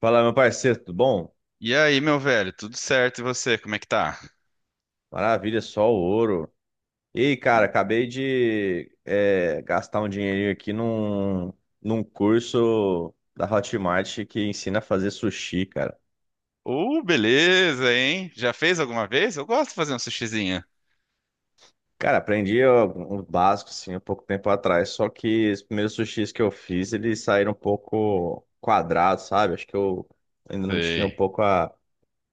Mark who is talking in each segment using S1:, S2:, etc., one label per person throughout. S1: Fala, meu parceiro, tudo bom?
S2: E aí, meu velho, tudo certo? E você, como é que tá?
S1: Maravilha, só o ouro. Ei, cara, acabei de gastar um dinheirinho aqui num curso da Hotmart que ensina a fazer sushi, cara.
S2: Beleza, hein? Já fez alguma vez? Eu gosto de fazer um sushizinho.
S1: Cara, aprendi ó, um básico, assim, há pouco tempo atrás, só que os primeiros sushis que eu fiz, eles saíram um pouco quadrados, sabe? Acho que eu ainda não tinha um
S2: Sei.
S1: pouco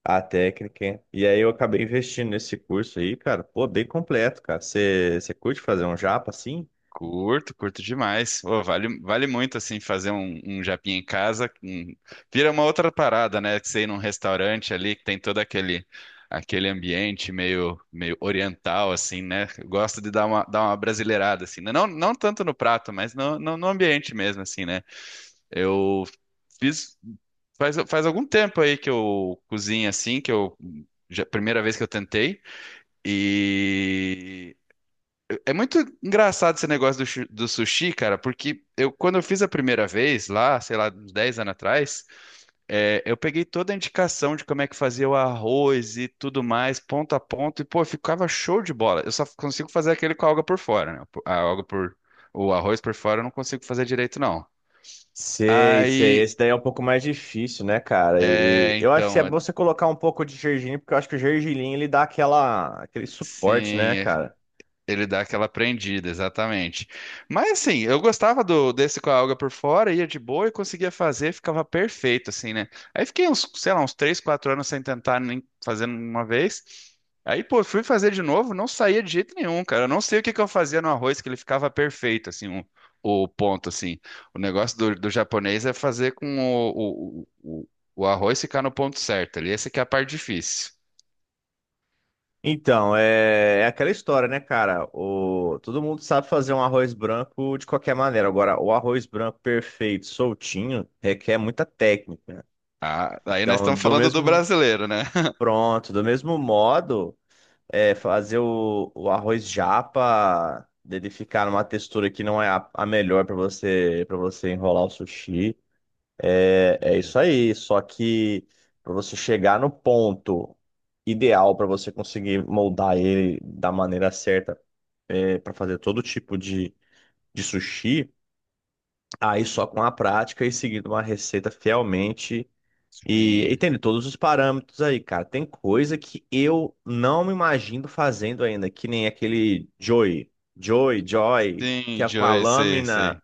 S1: a técnica. Hein? E aí eu acabei investindo nesse curso aí, cara. Pô, bem completo, cara. Você curte fazer um japa assim?
S2: Curto, curto demais. Ô, vale, vale muito, assim, fazer um japinha em casa. Vira uma outra parada, né? Que você ir num restaurante ali, que tem todo aquele ambiente meio oriental, assim, né? Eu gosto de dar uma brasileirada, assim, né? Não, não tanto no prato, mas no ambiente mesmo, assim, né? Eu fiz faz algum tempo aí que eu cozinho assim, primeira vez que eu tentei. E é muito engraçado esse negócio do sushi, cara, porque eu quando eu fiz a primeira vez lá, sei lá, uns 10 anos atrás, eu peguei toda a indicação de como é que fazia o arroz e tudo mais, ponto a ponto, e pô, ficava show de bola. Eu só consigo fazer aquele com a alga por fora, né? A alga por o arroz por fora eu não consigo fazer direito, não.
S1: Sei, sei.
S2: Aí,
S1: Esse daí é um pouco mais difícil, né, cara? E
S2: é,
S1: eu acho que é
S2: então,
S1: bom você colocar um pouco de gergelim, porque eu acho que o gergelim ele dá aquele suporte, né,
S2: sim,
S1: cara?
S2: ele dá aquela prendida, exatamente. Mas assim, eu gostava do desse com a alga por fora, ia de boa e conseguia fazer, ficava perfeito, assim, né? Aí fiquei uns, sei lá, uns 3, 4 anos sem tentar nem fazendo uma vez. Aí, pô, fui fazer de novo, não saía de jeito nenhum, cara. Eu não sei o que que eu fazia no arroz que ele ficava perfeito, assim, o ponto, assim. O negócio do japonês é fazer com o, o, o o arroz ficar no ponto certo ali. Essa que é a parte difícil.
S1: Então, é, é aquela história, né, cara? O, todo mundo sabe fazer um arroz branco de qualquer maneira. Agora, o arroz branco perfeito, soltinho, requer muita técnica.
S2: Ah, aí nós
S1: Então,
S2: estamos
S1: do
S2: falando do
S1: mesmo,
S2: brasileiro, né?
S1: pronto, do mesmo modo. É, fazer o arroz japa, dele ficar numa textura que não é a melhor para você enrolar o sushi. É, é
S2: Sim.
S1: isso aí. Só que para você chegar no ponto ideal para você conseguir moldar ele da maneira certa para fazer todo tipo de sushi, aí só com a prática e seguindo uma receita fielmente. E
S2: Sim,
S1: tem de todos os parâmetros aí, cara. Tem coisa que eu não me imagino fazendo ainda, que nem aquele Joy, Joy, que
S2: sim,
S1: é com a
S2: Joey, sei,
S1: lâmina.
S2: sei.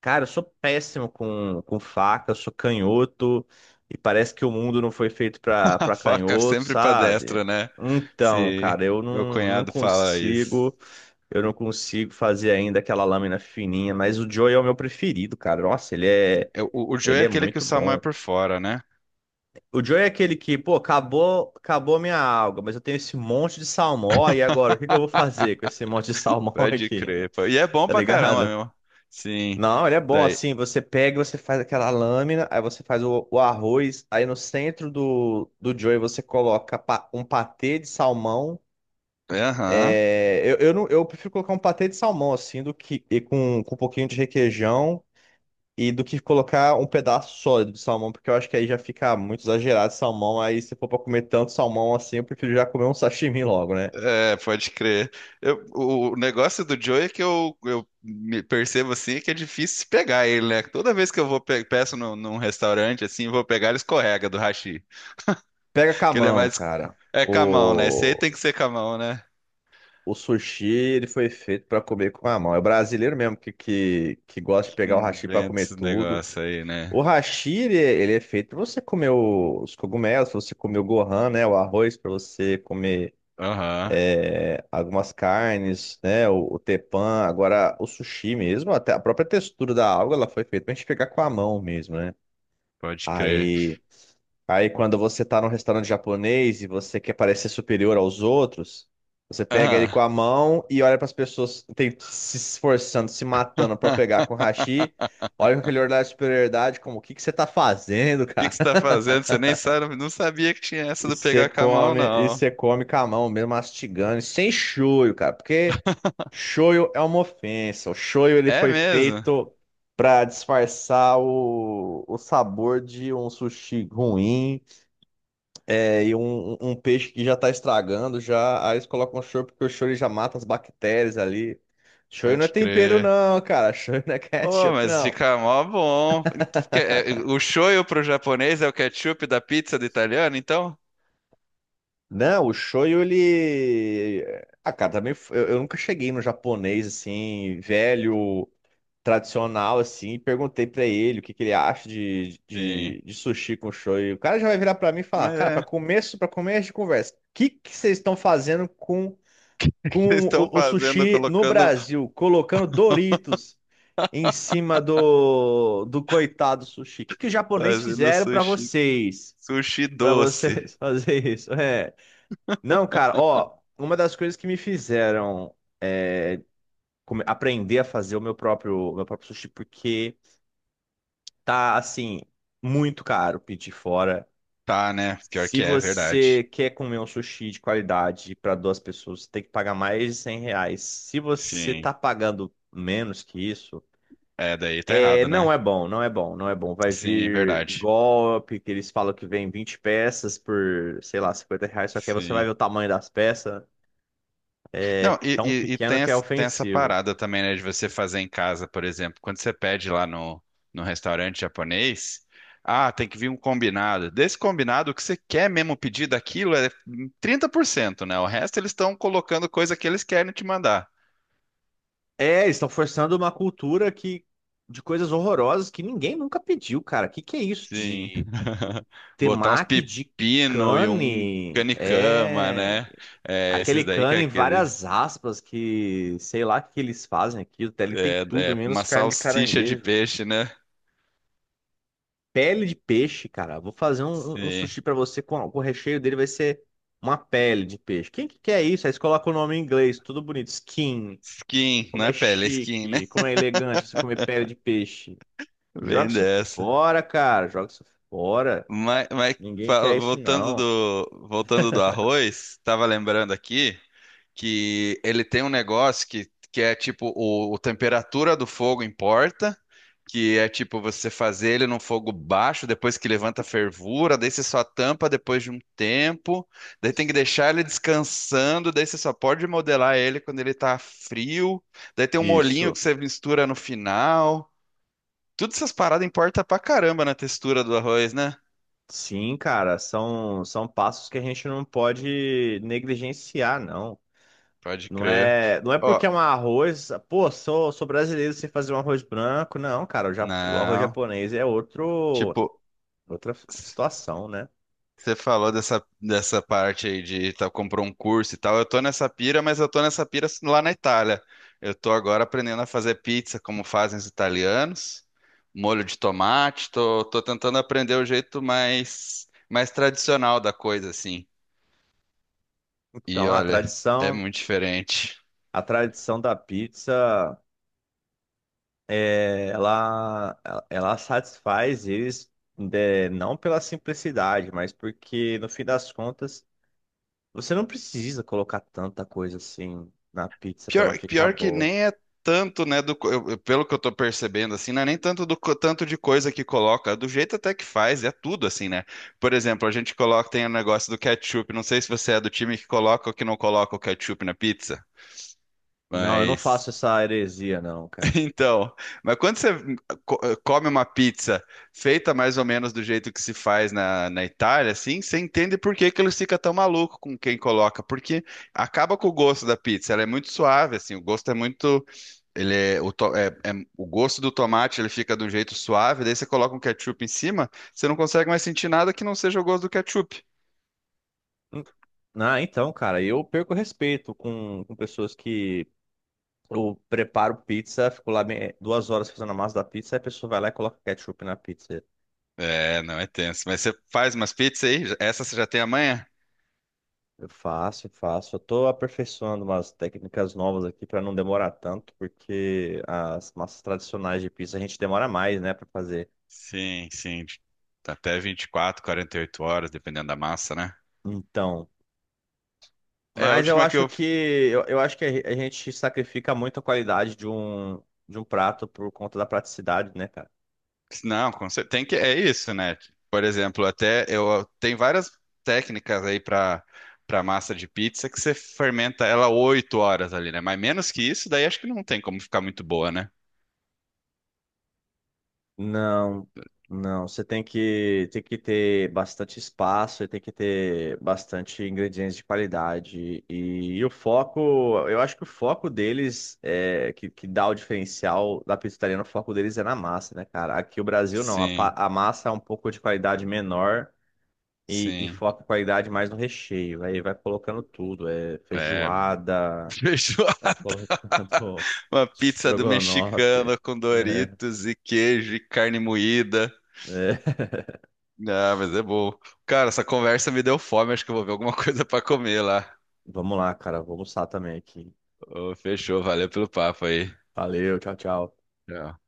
S1: Cara, eu sou péssimo com faca, eu sou canhoto, e parece que o mundo não foi feito
S2: A
S1: pra
S2: faca é
S1: canhoto,
S2: sempre pra
S1: sabe?
S2: destra, né?
S1: Então,
S2: Se
S1: cara, eu
S2: Meu
S1: não, não
S2: cunhado fala isso.
S1: consigo, eu não consigo fazer ainda aquela lâmina fininha, mas o Joy é o meu preferido, cara. Nossa,
S2: O Joey
S1: ele
S2: é
S1: é
S2: aquele que o
S1: muito
S2: Samu é
S1: bom.
S2: por fora, né?
S1: O Joey é aquele que, pô, acabou, acabou a minha alga, mas eu tenho esse monte de salmão, e agora, o que que eu vou fazer com esse monte de salmão
S2: Pode
S1: aqui?
S2: crer, pô. E é bom
S1: Tá
S2: pra caramba,
S1: ligado?
S2: meu. Sim.
S1: Não, ele é bom
S2: Daí.
S1: assim, você pega, e você faz aquela lâmina, aí você faz o arroz, aí no centro do Joey você coloca um patê de salmão.
S2: Aham.
S1: É, não, eu prefiro colocar um patê de salmão assim, do que e com um pouquinho de requeijão e do que colocar um pedaço sólido de salmão, porque eu acho que aí já fica muito exagerado o salmão. Aí se for pra comer tanto salmão assim, eu prefiro já comer um sashimi logo, né?
S2: É, pode crer. O negócio do Joey é que eu me percebo assim que é difícil pegar ele, né? Toda vez que peço num restaurante assim, vou pegar ele escorrega do hashi.
S1: Pega com a
S2: Que ele é
S1: mão,
S2: mais.
S1: cara.
S2: É camão, né? Esse aí
S1: O,
S2: tem que ser camão, né?
S1: o sushi, ele foi feito pra comer com a mão. É o brasileiro mesmo que gosta de pegar o hashi pra
S2: Inventa
S1: comer
S2: esse
S1: tudo.
S2: negócio aí, né?
S1: O hashi, ele é feito pra você comer os cogumelos, pra você comer o gohan, né? O arroz, pra você comer
S2: Aham,
S1: é, algumas carnes, né? O tepan, agora o sushi mesmo, até a própria textura da alga, ela foi feita pra gente pegar com a mão mesmo, né?
S2: pode crer.
S1: Aí, aí quando você tá num restaurante japonês e você quer parecer superior aos outros, você pega ele
S2: Aham.
S1: com a mão e olha pras pessoas tem, se esforçando, se matando pra pegar com o hashi,
S2: O
S1: olha com aquele olhar de superioridade, como o que que você tá fazendo,
S2: que que
S1: cara?
S2: você tá fazendo? Você nem sabe, não sabia que tinha essa do pegar camão,
S1: E
S2: não.
S1: você come com a mão mesmo, mastigando, e sem shoyu, cara, porque shoyu é uma ofensa. O shoyu ele
S2: É
S1: foi
S2: mesmo?
S1: feito pra disfarçar o sabor de um sushi ruim é, e um peixe que já tá estragando, já. Aí eles colocam shoyu porque o shoyu ele já mata as bactérias ali. Shoyu não é
S2: Pode
S1: tempero
S2: crer.
S1: não, cara. Shoyu não é
S2: Oh,
S1: ketchup
S2: mas
S1: não.
S2: fica mó bom. Então, o shoyu pro japonês é o ketchup da pizza do italiano, então?
S1: Não, o shoyu ele Ah, cara, também eu nunca cheguei no japonês assim, velho tradicional, assim, e perguntei pra ele o que, que ele acha
S2: Sim.
S1: de sushi com shoyu. O cara já vai virar pra mim e falar,
S2: Mas
S1: cara, pra
S2: é,
S1: começo, para começo de conversa, o que, que vocês estão fazendo
S2: vocês
S1: com
S2: estão
S1: o
S2: fazendo,
S1: sushi no
S2: colocando,
S1: Brasil? Colocando Doritos em cima do coitado sushi. O que, que os japoneses
S2: fazendo
S1: fizeram pra
S2: sushi,
S1: vocês?
S2: sushi
S1: Pra
S2: doce.
S1: vocês fazer isso? É. Não, cara, ó, uma das coisas que me fizeram aprender a fazer o meu próprio sushi, porque... Tá, assim, muito caro pedir fora.
S2: Tá, né? Pior
S1: Se
S2: que é,
S1: você
S2: verdade.
S1: quer comer um sushi de qualidade para 2 pessoas, você tem que pagar mais de R$ 100. Se você
S2: Sim.
S1: tá pagando menos que isso,
S2: É, daí tá
S1: é,
S2: errado, né?
S1: não é bom, não é bom, não é bom. Vai
S2: Sim,
S1: vir
S2: verdade.
S1: golpe, que eles falam que vem 20 peças por, sei lá, R$ 50, só que aí você vai
S2: Sim.
S1: ver o tamanho das peças,
S2: Não, e,
S1: tão
S2: e, e
S1: pequeno
S2: tem,
S1: que é
S2: essa- tem essa
S1: ofensivo.
S2: parada também, né, de você fazer em casa, por exemplo. Quando você pede lá no restaurante japonês, ah, tem que vir um combinado. Desse combinado, o que você quer mesmo pedir daquilo é 30%, né? O resto eles estão colocando coisa que eles querem te mandar.
S1: É, eles estão forçando uma cultura que, de coisas horrorosas que ninguém nunca pediu, cara. Que é isso
S2: Sim.
S1: de
S2: Botar uns
S1: Temaki de
S2: pepino e um
S1: cane
S2: canicama,
S1: é
S2: né? É,
S1: aquele
S2: esses daí que é
S1: cane em
S2: aquele.
S1: várias aspas que sei lá o que que eles fazem aqui. Até ele tem
S2: É,
S1: tudo,
S2: é
S1: menos
S2: uma
S1: carne de
S2: salsicha de
S1: caranguejo.
S2: peixe, né?
S1: Pele de peixe, cara. Vou fazer um
S2: Sim.
S1: sushi pra você com o recheio dele vai ser uma pele de peixe. Quem que quer isso? Aí você coloca o nome em inglês, tudo bonito. Skin.
S2: Skin,
S1: Como
S2: não é
S1: é
S2: pele, é skin, né?
S1: chique, como é elegante você comer pele de peixe. Joga
S2: Bem
S1: isso
S2: dessa.
S1: fora, cara. Joga isso fora.
S2: Mas
S1: Ninguém quer isso,
S2: voltando
S1: não.
S2: do, voltando do arroz, tava lembrando aqui que ele tem um negócio que é tipo o temperatura do fogo importa. Que é tipo você fazer ele num fogo baixo, depois que levanta a fervura, daí você só tampa depois de um tempo, daí tem que deixar ele descansando, daí você só pode modelar ele quando ele tá frio, daí tem um molhinho
S1: Isso.
S2: que você mistura no final. Todas essas paradas importam pra caramba na textura do arroz, né?
S1: Sim, cara, são passos que a gente não pode negligenciar, não.
S2: Pode
S1: Não
S2: crer.
S1: é, não é
S2: Ó,
S1: porque é um arroz, pô, sou brasileiro sem fazer um arroz branco, não, cara, o, o arroz
S2: não.
S1: japonês é outro,
S2: Tipo.
S1: outra situação, né?
S2: Você falou dessa parte aí de tá, comprou um curso e tal. Eu tô nessa pira, mas eu tô nessa pira lá na Itália. Eu tô agora aprendendo a fazer pizza como fazem os italianos, molho de tomate. Tô tentando aprender o jeito mais, mais tradicional da coisa, assim. E
S1: Então,
S2: olha, é muito diferente.
S1: a tradição da pizza, é, ela satisfaz eles, é, não pela simplicidade, mas porque no fim das contas você não precisa colocar tanta coisa assim na pizza pra ela
S2: Pior,
S1: ficar
S2: pior que
S1: boa.
S2: nem é tanto, né, do, pelo que eu tô percebendo, assim, não é nem tanto do tanto de coisa que coloca, do jeito até que faz, é tudo assim, né? Por exemplo, a gente coloca, tem o negócio do ketchup, não sei se você é do time que coloca ou que não coloca o ketchup na pizza,
S1: Não, eu não
S2: mas,
S1: faço essa heresia, não, cara.
S2: então, mas quando você co- come uma pizza feita mais ou menos do jeito que se faz na Itália, assim, você entende por que que eles ficam tão malucos com quem coloca, porque acaba com o gosto da pizza, ela é muito suave, assim, o gosto é muito, ele é, o, to- é- é- o gosto do tomate ele fica de um jeito suave, daí você coloca um ketchup em cima, você não consegue mais sentir nada que não seja o gosto do ketchup.
S1: Hum, Ah, então, cara, eu perco respeito com pessoas que eu preparo pizza, fico lá 2 horas fazendo a massa da pizza, aí a pessoa vai lá e coloca ketchup na pizza.
S2: É, não é tenso. Mas você faz umas pizzas aí? Essa você já tem amanhã?
S1: Eu faço, eu faço. Eu tô aperfeiçoando umas técnicas novas aqui pra não demorar tanto, porque as massas tradicionais de pizza a gente demora mais, né, pra fazer.
S2: Sim, sim. Tá. Até 24, 48 horas, dependendo da massa, né?
S1: Então.
S2: É, a
S1: Mas eu
S2: última que
S1: acho
S2: eu,
S1: que eu acho que a gente sacrifica muito a qualidade de um prato por conta da praticidade, né, cara?
S2: não, tem que é isso, né? Por exemplo, até eu tem várias técnicas aí para massa de pizza que você fermenta ela 8 horas ali, né? Mas menos que isso, daí acho que não tem como ficar muito boa, né?
S1: Não, não. Você tem que ter bastante espaço e tem que ter bastante ingredientes de qualidade. E o foco, eu acho que o foco deles é que dá o diferencial da pizza italiana, o foco deles é na massa, né, cara? Aqui o Brasil não, a,
S2: Sim,
S1: a massa é um pouco de qualidade menor. E
S2: sim.
S1: foca a qualidade mais no recheio. Aí vai colocando tudo. É
S2: É,
S1: feijoada,
S2: feijoada.
S1: vai colocando
S2: Uma pizza do
S1: estrogonofe.
S2: mexicano com
S1: É,
S2: Doritos e queijo e carne moída.
S1: é.
S2: Ah, mas é bom. Cara, essa conversa me deu fome. Acho que eu vou ver alguma coisa pra comer lá.
S1: Vamos lá, cara. Vou almoçar também aqui.
S2: Ô, fechou, valeu pelo papo aí.
S1: Valeu, tchau, tchau.
S2: Tchau.